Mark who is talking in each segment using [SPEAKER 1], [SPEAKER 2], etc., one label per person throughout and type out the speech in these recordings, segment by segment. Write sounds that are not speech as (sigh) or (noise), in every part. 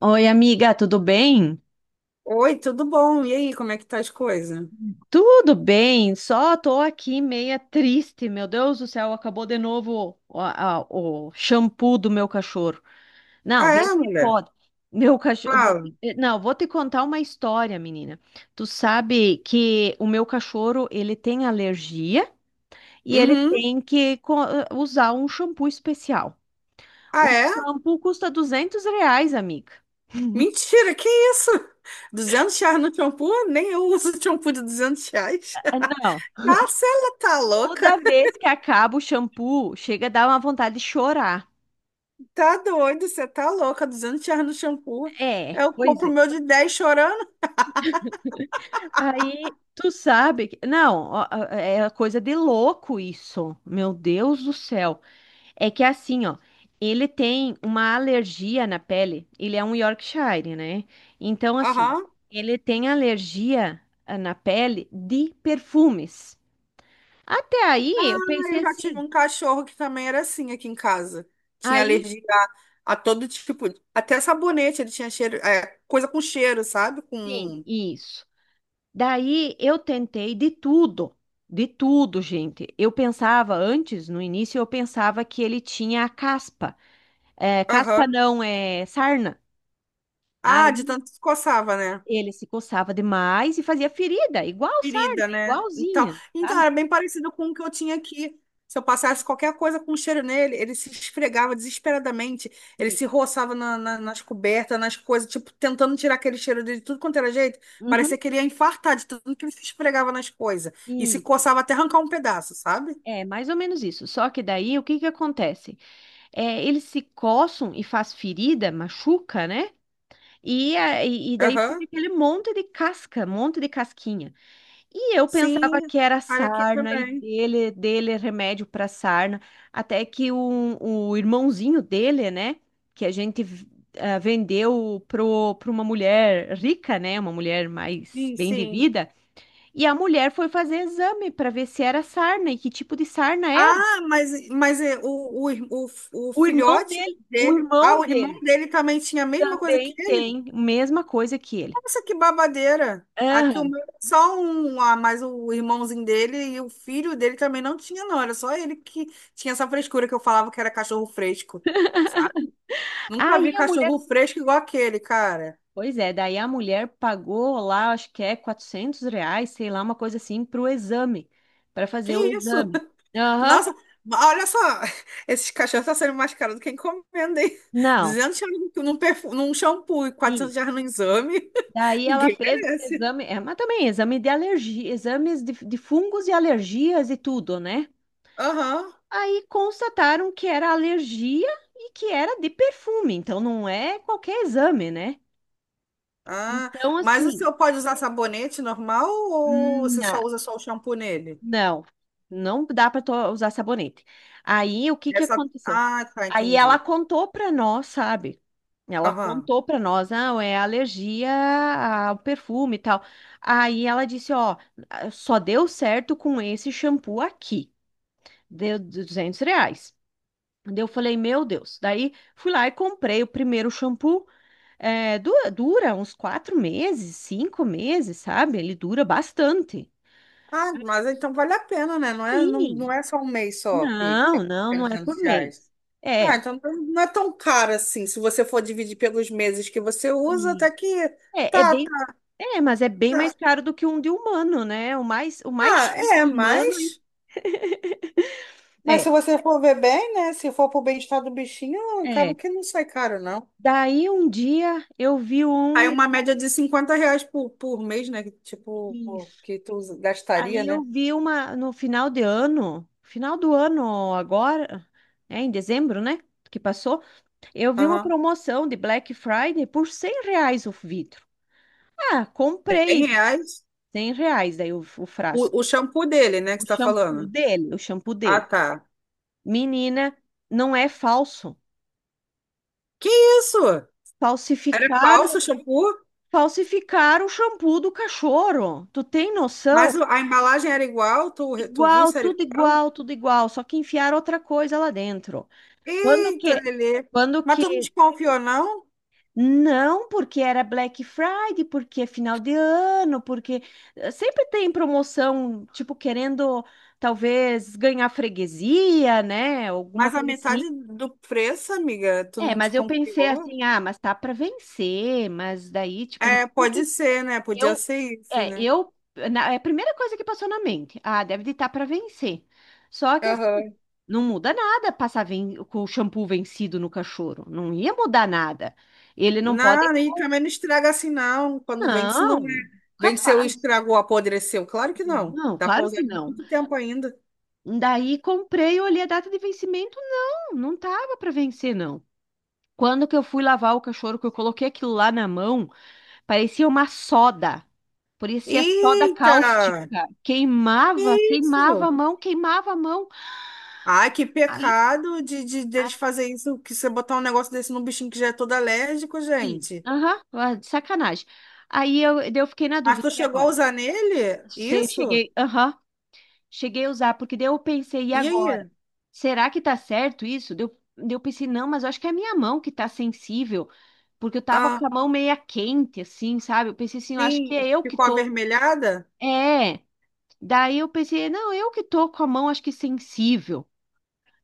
[SPEAKER 1] Oi, amiga, tudo bem?
[SPEAKER 2] Oi, tudo bom? E aí, como é que tá as coisas?
[SPEAKER 1] Tudo bem, só tô aqui meia triste. Meu Deus do céu, acabou de novo o shampoo do meu cachorro. Não,
[SPEAKER 2] Ah,
[SPEAKER 1] vê
[SPEAKER 2] é,
[SPEAKER 1] se
[SPEAKER 2] mulher?
[SPEAKER 1] pode. Meu cachorro.
[SPEAKER 2] Fala.
[SPEAKER 1] Não, vou te contar uma história, menina. Tu sabe que o meu cachorro ele tem alergia e ele
[SPEAKER 2] Uhum.
[SPEAKER 1] tem que usar um shampoo especial.
[SPEAKER 2] Ah,
[SPEAKER 1] O
[SPEAKER 2] é?
[SPEAKER 1] shampoo custa R$ 200, amiga.
[SPEAKER 2] Mentira, que isso? (laughs) R$ 200 no shampoo? Nem eu uso (laughs) shampoo de R$ 200.
[SPEAKER 1] Não.
[SPEAKER 2] (laughs) Ah, você tá
[SPEAKER 1] Toda
[SPEAKER 2] louca?
[SPEAKER 1] vez que acaba o shampoo, chega a dar uma vontade de chorar.
[SPEAKER 2] Tá doido, você tá louca. R$ 200 no shampoo.
[SPEAKER 1] É,
[SPEAKER 2] Eu
[SPEAKER 1] pois
[SPEAKER 2] compro o
[SPEAKER 1] é.
[SPEAKER 2] meu de 10 chorando.
[SPEAKER 1] Aí, tu sabe que... Não, ó, ó, é coisa de louco isso. Meu Deus do céu. É que assim, ó, ele tem uma alergia na pele. Ele é um Yorkshire, né? Então, assim,
[SPEAKER 2] Aham.
[SPEAKER 1] ele tem alergia na pele de perfumes. Até
[SPEAKER 2] Ah,
[SPEAKER 1] aí, eu pensei
[SPEAKER 2] eu já tive
[SPEAKER 1] assim.
[SPEAKER 2] um cachorro que também era assim aqui em casa. Tinha
[SPEAKER 1] Aí,
[SPEAKER 2] alergia a todo tipo, até sabonete, ele tinha cheiro, é, coisa com cheiro, sabe?
[SPEAKER 1] sim,
[SPEAKER 2] Com.
[SPEAKER 1] isso. Daí eu tentei de tudo, gente. Eu pensava antes, no início, eu pensava que ele tinha a caspa. É, caspa
[SPEAKER 2] Aham.
[SPEAKER 1] não, é sarna.
[SPEAKER 2] Ah, de
[SPEAKER 1] Aí
[SPEAKER 2] tanto que coçava, né?
[SPEAKER 1] ele se coçava demais e fazia ferida, igual sarna,
[SPEAKER 2] Ferida, né? Então,
[SPEAKER 1] igualzinha,
[SPEAKER 2] então,
[SPEAKER 1] sabe?
[SPEAKER 2] era bem parecido com o que eu tinha aqui. Se eu passasse qualquer coisa com cheiro nele, ele se esfregava desesperadamente, ele se
[SPEAKER 1] Isso.
[SPEAKER 2] roçava nas cobertas, nas coisas, tipo, tentando tirar aquele cheiro dele, tudo quanto era jeito.
[SPEAKER 1] Uhum.
[SPEAKER 2] Parecia que ele ia infartar de tanto que ele se esfregava nas coisas. E se
[SPEAKER 1] Isso.
[SPEAKER 2] coçava até arrancar um pedaço, sabe?
[SPEAKER 1] É, mais ou menos isso. Só que daí o que que acontece? É, eles se coçam e faz ferida, machuca, né? E daí fica
[SPEAKER 2] Aham.
[SPEAKER 1] aquele monte de casca, monte de casquinha. E eu pensava
[SPEAKER 2] Sim,
[SPEAKER 1] que era
[SPEAKER 2] cara aqui
[SPEAKER 1] sarna e
[SPEAKER 2] também.
[SPEAKER 1] dele é remédio para sarna, até que o irmãozinho dele, né, que a gente vendeu pra uma mulher rica, né, uma mulher mais
[SPEAKER 2] Sim,
[SPEAKER 1] bem de
[SPEAKER 2] sim.
[SPEAKER 1] vida, e a mulher foi fazer exame para ver se era sarna e que tipo de sarna
[SPEAKER 2] Ah,
[SPEAKER 1] era.
[SPEAKER 2] mas, mas o
[SPEAKER 1] O irmão
[SPEAKER 2] filhote
[SPEAKER 1] dele, o
[SPEAKER 2] dele, ah,
[SPEAKER 1] irmão
[SPEAKER 2] o irmão
[SPEAKER 1] dele
[SPEAKER 2] dele também tinha a mesma coisa que
[SPEAKER 1] também
[SPEAKER 2] ele?
[SPEAKER 1] tem a mesma coisa que ele.
[SPEAKER 2] Nossa, que babadeira! Aqui o
[SPEAKER 1] Aham.
[SPEAKER 2] meu era só um, ah, mas o irmãozinho dele e o filho dele também não tinha, não. Era só ele que tinha essa frescura que eu falava que era cachorro fresco, sabe? Nunca
[SPEAKER 1] Aí
[SPEAKER 2] vi
[SPEAKER 1] a mulher
[SPEAKER 2] cachorro fresco igual aquele, cara.
[SPEAKER 1] Pois é, daí a mulher pagou lá, acho que é R$ 400, sei lá, uma coisa assim, para o exame, para
[SPEAKER 2] Que
[SPEAKER 1] fazer o
[SPEAKER 2] isso?
[SPEAKER 1] exame.
[SPEAKER 2] (laughs)
[SPEAKER 1] Aham,
[SPEAKER 2] Nossa, olha só, (laughs) esses cachorros estão sendo mais caros do que encomenda, hein?
[SPEAKER 1] não,
[SPEAKER 2] R$ 200 num shampoo e quatrocentos
[SPEAKER 1] isso.
[SPEAKER 2] reais no exame.
[SPEAKER 1] Daí ela
[SPEAKER 2] Ninguém
[SPEAKER 1] fez esse
[SPEAKER 2] merece.
[SPEAKER 1] exame, é, mas também exame de alergia, exames de fungos e alergias e tudo, né?
[SPEAKER 2] Aham.
[SPEAKER 1] Aí constataram que era alergia e que era de perfume, então não é qualquer exame, né?
[SPEAKER 2] Ah,
[SPEAKER 1] Então,
[SPEAKER 2] mas o
[SPEAKER 1] assim,
[SPEAKER 2] senhor pode usar sabonete normal ou
[SPEAKER 1] hum,
[SPEAKER 2] você só usa só o shampoo nele?
[SPEAKER 1] não, não dá para usar sabonete. Aí o que que aconteceu?
[SPEAKER 2] Ah, tá,
[SPEAKER 1] Aí ela
[SPEAKER 2] entendi.
[SPEAKER 1] contou para nós, sabe? Ela
[SPEAKER 2] Aham.
[SPEAKER 1] contou para nós, não, é alergia ao perfume e tal. Aí ela disse, ó, só deu certo com esse shampoo aqui. Deu R$ 200. Daí eu falei, meu Deus. Daí fui lá e comprei o primeiro shampoo. É, dura uns 4 meses, 5 meses, sabe? Ele dura bastante.
[SPEAKER 2] Ah, mas então vale a pena, né? Não é, não,
[SPEAKER 1] Sim.
[SPEAKER 2] não é só um mês só que
[SPEAKER 1] Não,
[SPEAKER 2] é
[SPEAKER 1] não, não é por
[SPEAKER 2] R$ 300.
[SPEAKER 1] mês.
[SPEAKER 2] Ah,
[SPEAKER 1] É,
[SPEAKER 2] então não é tão caro assim. Se você for dividir pelos meses que você usa,
[SPEAKER 1] isso.
[SPEAKER 2] até que
[SPEAKER 1] é, é
[SPEAKER 2] tá,
[SPEAKER 1] bem,
[SPEAKER 2] tá,
[SPEAKER 1] mas é bem
[SPEAKER 2] tá.
[SPEAKER 1] mais caro do que um de humano, né? O mais
[SPEAKER 2] Ah,
[SPEAKER 1] chique
[SPEAKER 2] é,
[SPEAKER 1] de humano
[SPEAKER 2] mas... Mas se
[SPEAKER 1] é,
[SPEAKER 2] você for ver bem, né? Se for pro bem-estar do bichinho, acaba
[SPEAKER 1] é.
[SPEAKER 2] que não sai caro, não.
[SPEAKER 1] Daí um dia eu vi
[SPEAKER 2] Aí
[SPEAKER 1] um,
[SPEAKER 2] uma média de R$ 50 por mês, né? Que, tipo,
[SPEAKER 1] isso.
[SPEAKER 2] que tu gastaria,
[SPEAKER 1] Aí eu
[SPEAKER 2] né?
[SPEAKER 1] vi uma no final de ano, final do ano agora, é em dezembro, né? Que passou, eu vi uma
[SPEAKER 2] Aham.
[SPEAKER 1] promoção de Black Friday por R$ 100 o vidro. Ah, comprei
[SPEAKER 2] R$ 100.
[SPEAKER 1] R$ 100 daí o
[SPEAKER 2] O,
[SPEAKER 1] frasco.
[SPEAKER 2] o shampoo dele, né, que
[SPEAKER 1] O
[SPEAKER 2] você tá
[SPEAKER 1] shampoo
[SPEAKER 2] falando.
[SPEAKER 1] dele, o shampoo
[SPEAKER 2] Ah,
[SPEAKER 1] dele.
[SPEAKER 2] tá.
[SPEAKER 1] Menina, não é falso.
[SPEAKER 2] Que isso? Era
[SPEAKER 1] Falsificar,
[SPEAKER 2] falso o shampoo?
[SPEAKER 1] falsificar o shampoo do cachorro. Tu tem noção?
[SPEAKER 2] Mas a embalagem era igual? Tu viu
[SPEAKER 1] Igual,
[SPEAKER 2] se era
[SPEAKER 1] tudo
[SPEAKER 2] igual?
[SPEAKER 1] igual, tudo igual, só que enfiaram outra coisa lá dentro. Quando
[SPEAKER 2] Eita,
[SPEAKER 1] que?
[SPEAKER 2] Lelê.
[SPEAKER 1] Quando
[SPEAKER 2] Mas tu não
[SPEAKER 1] que?
[SPEAKER 2] desconfiou, não?
[SPEAKER 1] Não, porque era Black Friday, porque é final de ano, porque sempre tem promoção, tipo querendo talvez ganhar freguesia, né? Alguma
[SPEAKER 2] Mas a
[SPEAKER 1] coisa assim.
[SPEAKER 2] metade do preço, amiga, tu
[SPEAKER 1] É,
[SPEAKER 2] não
[SPEAKER 1] mas eu pensei
[SPEAKER 2] desconfiou?
[SPEAKER 1] assim, ah, mas tá para vencer, mas daí, tipo,
[SPEAKER 2] É,
[SPEAKER 1] mesmo
[SPEAKER 2] pode
[SPEAKER 1] que
[SPEAKER 2] ser, né? Podia
[SPEAKER 1] Eu,
[SPEAKER 2] ser isso,
[SPEAKER 1] é,
[SPEAKER 2] né?
[SPEAKER 1] eu, na- é a primeira coisa que passou na mente, ah, deve estar para vencer. Só que assim,
[SPEAKER 2] Aham.
[SPEAKER 1] não muda nada passar com o shampoo vencido no cachorro, não ia mudar nada. Ele não pode,
[SPEAKER 2] Não, e também não estraga assim, não. Quando vende, se não é.
[SPEAKER 1] não,
[SPEAKER 2] Vende se eu
[SPEAKER 1] capaz.
[SPEAKER 2] estragou, apodreceu. Claro que não.
[SPEAKER 1] Não,
[SPEAKER 2] Dá para
[SPEAKER 1] claro
[SPEAKER 2] usar
[SPEAKER 1] que não.
[SPEAKER 2] muito tempo ainda.
[SPEAKER 1] Daí comprei, olhei a data de vencimento, não, não tava para vencer não. Quando que eu fui lavar o cachorro, que eu coloquei aquilo lá na mão. Parecia uma soda. Parecia soda
[SPEAKER 2] Eita!
[SPEAKER 1] cáustica.
[SPEAKER 2] Que
[SPEAKER 1] Queimava, queimava
[SPEAKER 2] isso!
[SPEAKER 1] a mão, queimava a mão.
[SPEAKER 2] Ai, que
[SPEAKER 1] Aí,
[SPEAKER 2] pecado de deles fazer isso, que você botar um negócio desse num bichinho que já é todo alérgico,
[SPEAKER 1] assim,
[SPEAKER 2] gente.
[SPEAKER 1] aham, de sacanagem. Aí eu fiquei na
[SPEAKER 2] Mas
[SPEAKER 1] dúvida,
[SPEAKER 2] tu
[SPEAKER 1] e
[SPEAKER 2] chegou a
[SPEAKER 1] agora?
[SPEAKER 2] usar nele? Isso?
[SPEAKER 1] Cheguei, aham, cheguei a usar, porque daí eu pensei, e
[SPEAKER 2] E
[SPEAKER 1] agora?
[SPEAKER 2] aí?
[SPEAKER 1] Será que tá certo isso? Daí eu pensei, não, mas eu acho que é a minha mão que tá sensível, porque eu tava com
[SPEAKER 2] Ah,
[SPEAKER 1] a mão meia quente, assim, sabe? Eu pensei assim, eu acho que é
[SPEAKER 2] sim.
[SPEAKER 1] eu que
[SPEAKER 2] Ficou
[SPEAKER 1] tô.
[SPEAKER 2] avermelhada?
[SPEAKER 1] É. Daí eu pensei, não, eu que tô com a mão, acho que sensível.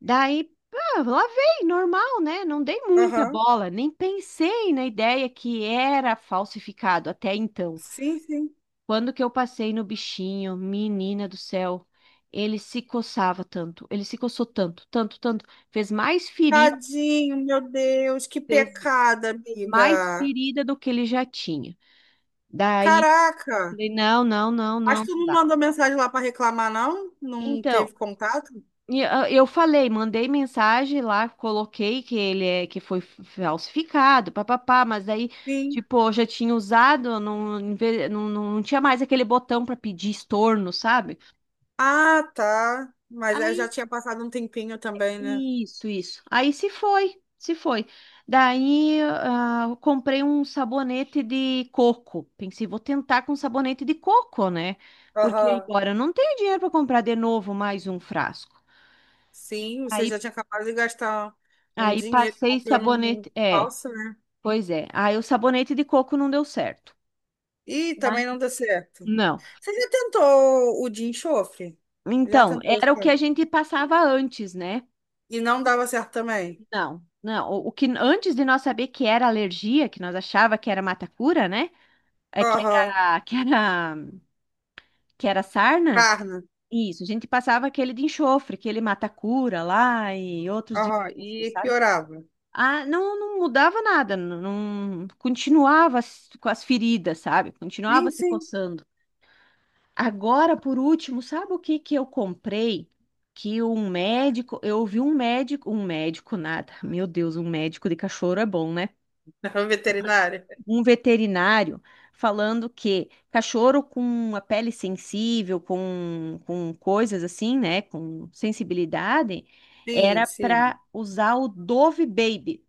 [SPEAKER 1] Daí, lavei, normal, né? Não dei muita
[SPEAKER 2] Aham.
[SPEAKER 1] bola, nem pensei na ideia que era falsificado até então.
[SPEAKER 2] Sim, sim.
[SPEAKER 1] Quando que eu passei no bichinho, menina do céu, ele se coçava tanto, ele se coçou tanto, tanto, tanto, fez mais ferida,
[SPEAKER 2] Tadinho, meu Deus, que
[SPEAKER 1] fez,
[SPEAKER 2] pecado,
[SPEAKER 1] fez mais
[SPEAKER 2] amiga.
[SPEAKER 1] ferida do que ele já tinha. Daí,
[SPEAKER 2] Caraca!
[SPEAKER 1] falei, não, não, não,
[SPEAKER 2] Mas
[SPEAKER 1] não,
[SPEAKER 2] tu
[SPEAKER 1] não
[SPEAKER 2] não
[SPEAKER 1] dá.
[SPEAKER 2] mandou mensagem lá para reclamar, não? Não
[SPEAKER 1] Então,
[SPEAKER 2] teve contato?
[SPEAKER 1] eu falei, mandei mensagem lá, coloquei que ele é que foi falsificado, papapá, mas aí,
[SPEAKER 2] Sim.
[SPEAKER 1] tipo, eu já tinha usado, não, não, não, não tinha mais aquele botão para pedir estorno, sabe?
[SPEAKER 2] Ah, tá. Mas eu já
[SPEAKER 1] Aí,
[SPEAKER 2] tinha passado um tempinho também, né?
[SPEAKER 1] isso, isso. Aí se foi, se foi. Daí, eu comprei um sabonete de coco. Pensei, vou tentar com sabonete de coco, né? Porque
[SPEAKER 2] Aham.
[SPEAKER 1] agora eu não tenho dinheiro para comprar de novo mais um frasco.
[SPEAKER 2] Sim, você
[SPEAKER 1] Aí,
[SPEAKER 2] já tinha acabado de gastar um
[SPEAKER 1] aí
[SPEAKER 2] dinheiro
[SPEAKER 1] passei
[SPEAKER 2] comprando um
[SPEAKER 1] sabonete, é.
[SPEAKER 2] falso, né?
[SPEAKER 1] Pois é. Aí o sabonete de coco não deu certo.
[SPEAKER 2] E
[SPEAKER 1] Ai,
[SPEAKER 2] também não deu certo.
[SPEAKER 1] não.
[SPEAKER 2] Você já tentou o de enxofre? Já
[SPEAKER 1] Então,
[SPEAKER 2] tentou,
[SPEAKER 1] era o que a
[SPEAKER 2] sabe?
[SPEAKER 1] gente passava antes, né?
[SPEAKER 2] E não dava certo também.
[SPEAKER 1] Não, não. O que antes de nós saber que era alergia, que nós achava que era matacura, né? É que
[SPEAKER 2] Aham.
[SPEAKER 1] era, que era, que era sarna.
[SPEAKER 2] Carne.
[SPEAKER 1] Isso, a gente passava aquele de enxofre, aquele matacura lá e outros de
[SPEAKER 2] Aham.
[SPEAKER 1] enxofre,
[SPEAKER 2] E
[SPEAKER 1] sabe?
[SPEAKER 2] piorava.
[SPEAKER 1] Ah, não, não mudava nada, não, continuava com as feridas, sabe? Continuava
[SPEAKER 2] Sim,
[SPEAKER 1] se
[SPEAKER 2] sim.
[SPEAKER 1] coçando. Agora, por último, sabe o que que eu comprei? Que um médico, eu ouvi um médico nada, meu Deus, um médico de cachorro é bom, né?
[SPEAKER 2] (laughs) Veterinária.
[SPEAKER 1] Um veterinário falando que cachorro com a pele sensível, com coisas assim, né? Com sensibilidade,
[SPEAKER 2] Sim,
[SPEAKER 1] era
[SPEAKER 2] sim.
[SPEAKER 1] para usar o Dove Baby,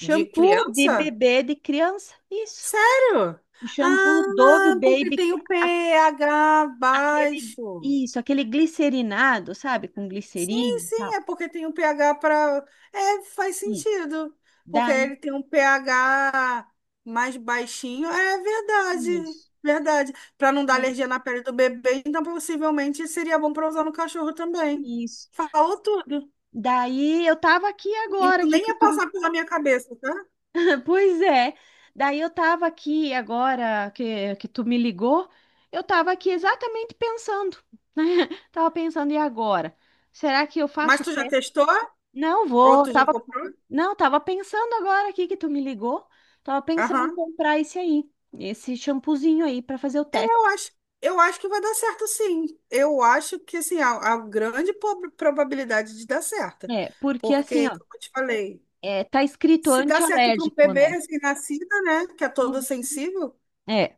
[SPEAKER 2] De
[SPEAKER 1] de
[SPEAKER 2] criança?
[SPEAKER 1] bebê de criança. Isso,
[SPEAKER 2] Sério?
[SPEAKER 1] o shampoo Dove
[SPEAKER 2] Ah, porque
[SPEAKER 1] Baby.
[SPEAKER 2] tem o pH
[SPEAKER 1] Aquele,
[SPEAKER 2] baixo.
[SPEAKER 1] isso, aquele glicerinado, sabe? Com
[SPEAKER 2] Sim,
[SPEAKER 1] glicerina e
[SPEAKER 2] sim,
[SPEAKER 1] tal.
[SPEAKER 2] é porque tem o pH para. É, faz
[SPEAKER 1] Isso.
[SPEAKER 2] sentido. Porque
[SPEAKER 1] Daí,
[SPEAKER 2] ele tem um pH mais baixinho. É verdade,
[SPEAKER 1] isso.
[SPEAKER 2] verdade. Para não dar
[SPEAKER 1] Daí,
[SPEAKER 2] alergia na pele do bebê, então possivelmente seria bom para usar no cachorro também.
[SPEAKER 1] isso.
[SPEAKER 2] Falou tudo.
[SPEAKER 1] Daí eu tava aqui
[SPEAKER 2] Isso
[SPEAKER 1] agora, que,
[SPEAKER 2] nem
[SPEAKER 1] que
[SPEAKER 2] ia
[SPEAKER 1] tu.
[SPEAKER 2] passar pela minha cabeça, tá?
[SPEAKER 1] (laughs) Pois é. Daí eu tava aqui agora que tu me ligou, eu tava aqui exatamente pensando, né? (laughs) Tava pensando, e agora? Será que eu
[SPEAKER 2] Mas
[SPEAKER 1] faço o
[SPEAKER 2] tu já
[SPEAKER 1] teste?
[SPEAKER 2] testou?
[SPEAKER 1] Não
[SPEAKER 2] Ou
[SPEAKER 1] vou,
[SPEAKER 2] tu já
[SPEAKER 1] tava.
[SPEAKER 2] comprou?
[SPEAKER 1] Não, tava pensando agora aqui que tu me ligou, tava pensando em
[SPEAKER 2] Aham.
[SPEAKER 1] comprar esse aí, esse shampoozinho aí pra fazer o teste.
[SPEAKER 2] Eu acho, eu acho que vai dar certo, sim. Eu acho que assim, há grande probabilidade de dar certo.
[SPEAKER 1] É, porque assim,
[SPEAKER 2] Porque,
[SPEAKER 1] ó,
[SPEAKER 2] como eu te falei,
[SPEAKER 1] é, tá escrito
[SPEAKER 2] se dá certo para um
[SPEAKER 1] antialérgico,
[SPEAKER 2] bebê
[SPEAKER 1] né?
[SPEAKER 2] recém-nascido, né? Que é todo
[SPEAKER 1] Uhum.
[SPEAKER 2] sensível,
[SPEAKER 1] É,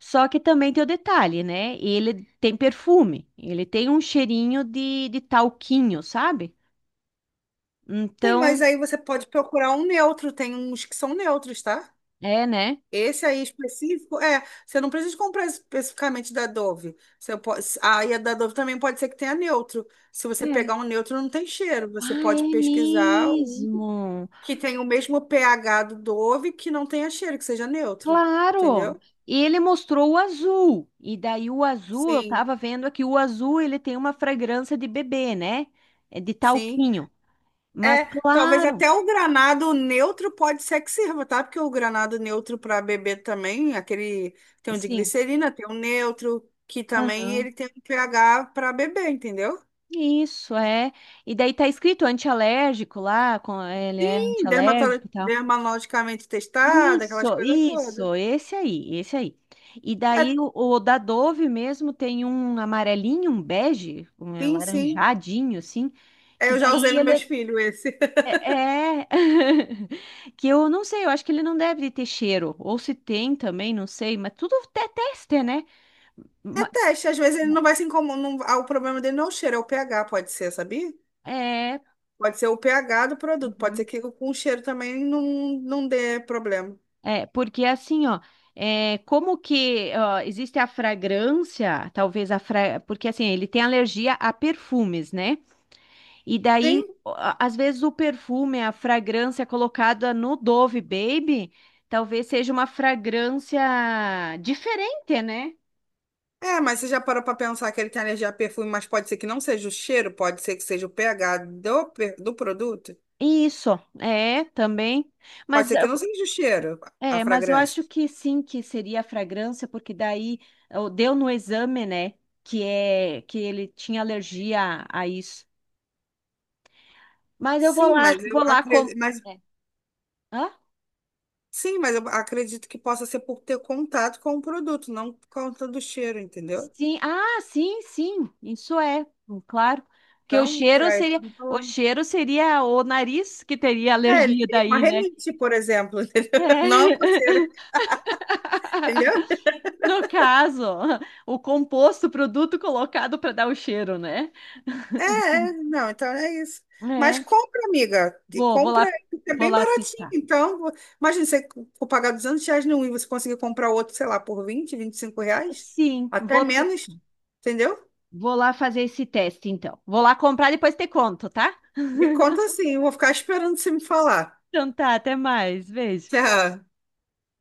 [SPEAKER 1] só que também tem o detalhe, né? Ele tem perfume, ele tem um cheirinho de talquinho, sabe?
[SPEAKER 2] tem, mas
[SPEAKER 1] Então,
[SPEAKER 2] aí você pode procurar um neutro, tem uns que são neutros, tá?
[SPEAKER 1] é, né?
[SPEAKER 2] Esse aí específico, é, você não precisa comprar especificamente da Dove. Você pode, aí a da Dove também pode ser que tenha neutro. Se você
[SPEAKER 1] É.
[SPEAKER 2] pegar um neutro, não tem cheiro. Você
[SPEAKER 1] Ah,
[SPEAKER 2] pode
[SPEAKER 1] é
[SPEAKER 2] pesquisar um
[SPEAKER 1] mesmo.
[SPEAKER 2] que tenha o mesmo pH do Dove, que não tenha cheiro, que seja neutro,
[SPEAKER 1] Claro.
[SPEAKER 2] entendeu?
[SPEAKER 1] E ele mostrou o azul. E daí o azul, eu
[SPEAKER 2] Sim,
[SPEAKER 1] tava vendo aqui, o azul ele tem uma fragrância de bebê, né? É de
[SPEAKER 2] sim.
[SPEAKER 1] talquinho. Mas
[SPEAKER 2] É, talvez
[SPEAKER 1] claro,
[SPEAKER 2] até o granado neutro pode ser que sirva, tá? Porque o granado neutro para bebê também, aquele tem um de
[SPEAKER 1] sim.
[SPEAKER 2] glicerina, tem um neutro, que também ele tem um pH para bebê, entendeu?
[SPEAKER 1] Isso, é. E daí tá escrito antialérgico lá, ele é
[SPEAKER 2] Sim,
[SPEAKER 1] antialérgico e tal.
[SPEAKER 2] dermatologicamente testado, aquelas
[SPEAKER 1] Isso,
[SPEAKER 2] coisas todas.
[SPEAKER 1] isso, esse aí, esse aí. E
[SPEAKER 2] É,
[SPEAKER 1] daí o da Dove mesmo tem um amarelinho, um bege, um
[SPEAKER 2] sim, sim.
[SPEAKER 1] laranjadinho, assim,
[SPEAKER 2] É,
[SPEAKER 1] que
[SPEAKER 2] eu já usei
[SPEAKER 1] daí
[SPEAKER 2] nos
[SPEAKER 1] ele
[SPEAKER 2] meus filhos esse.
[SPEAKER 1] é, é- (laughs) que eu não sei, eu acho que ele não deve ter cheiro, ou se tem também, não sei, mas tudo é teste, né?
[SPEAKER 2] É
[SPEAKER 1] Ma-
[SPEAKER 2] teste, às vezes ele não vai se incomodar. O problema dele não é o cheiro, é o pH, pode ser, sabia?
[SPEAKER 1] É,
[SPEAKER 2] Pode ser o pH do produto, pode ser
[SPEAKER 1] uhum.
[SPEAKER 2] que com o cheiro também não dê problema.
[SPEAKER 1] É, porque assim, ó, é, como que ó, existe a fragrância, porque assim, ele tem alergia a perfumes, né? E
[SPEAKER 2] Sim?
[SPEAKER 1] daí, ó, às vezes o perfume, a fragrância colocada no Dove Baby, talvez seja uma fragrância diferente, né?
[SPEAKER 2] É, mas você já parou pra pensar que ele tem alergia a perfume, mas pode ser que não seja o cheiro, pode ser que seja o pH do produto,
[SPEAKER 1] Isso, é, também.
[SPEAKER 2] pode
[SPEAKER 1] Mas
[SPEAKER 2] ser que
[SPEAKER 1] eu-
[SPEAKER 2] não seja o cheiro, a
[SPEAKER 1] mas eu
[SPEAKER 2] fragrância.
[SPEAKER 1] acho que sim, que seria a fragrância, porque daí ó, deu no exame, né? Que é que ele tinha alergia a isso. Mas eu
[SPEAKER 2] Sim, mas eu
[SPEAKER 1] vou lá como.
[SPEAKER 2] acredito, mas
[SPEAKER 1] É. Hã?
[SPEAKER 2] sim, mas eu acredito que possa ser por ter contato com o produto, não por conta do cheiro, entendeu?
[SPEAKER 1] Sim, ah, sim, sim, isso é, claro. Porque o
[SPEAKER 2] Então,
[SPEAKER 1] cheiro
[SPEAKER 2] tá,
[SPEAKER 1] seria,
[SPEAKER 2] estamos
[SPEAKER 1] o
[SPEAKER 2] falando.
[SPEAKER 1] cheiro seria o nariz que teria
[SPEAKER 2] É, ele
[SPEAKER 1] alergia
[SPEAKER 2] teria uma
[SPEAKER 1] daí, né? É.
[SPEAKER 2] renite, por exemplo, (laughs) entendeu? Não uma
[SPEAKER 1] (laughs)
[SPEAKER 2] coceira, entendeu?
[SPEAKER 1] No caso, o composto, o produto colocado para dar o cheiro, né?
[SPEAKER 2] É, não, então é isso. Mas
[SPEAKER 1] É.
[SPEAKER 2] compra, amiga, e
[SPEAKER 1] Vou
[SPEAKER 2] compra,
[SPEAKER 1] lá,
[SPEAKER 2] é
[SPEAKER 1] vou
[SPEAKER 2] bem
[SPEAKER 1] lá
[SPEAKER 2] baratinho.
[SPEAKER 1] testar.
[SPEAKER 2] Então, imagina você for pagar R$ 200 num e você conseguir comprar outro, sei lá, por vinte R$ 25,
[SPEAKER 1] Sim,
[SPEAKER 2] até menos, entendeu?
[SPEAKER 1] vou lá fazer esse teste, então. Vou lá comprar, depois te conto, tá?
[SPEAKER 2] Me conta assim, eu vou ficar esperando você me falar.
[SPEAKER 1] Então tá, até mais.
[SPEAKER 2] (laughs)
[SPEAKER 1] Beijo.
[SPEAKER 2] Tchau.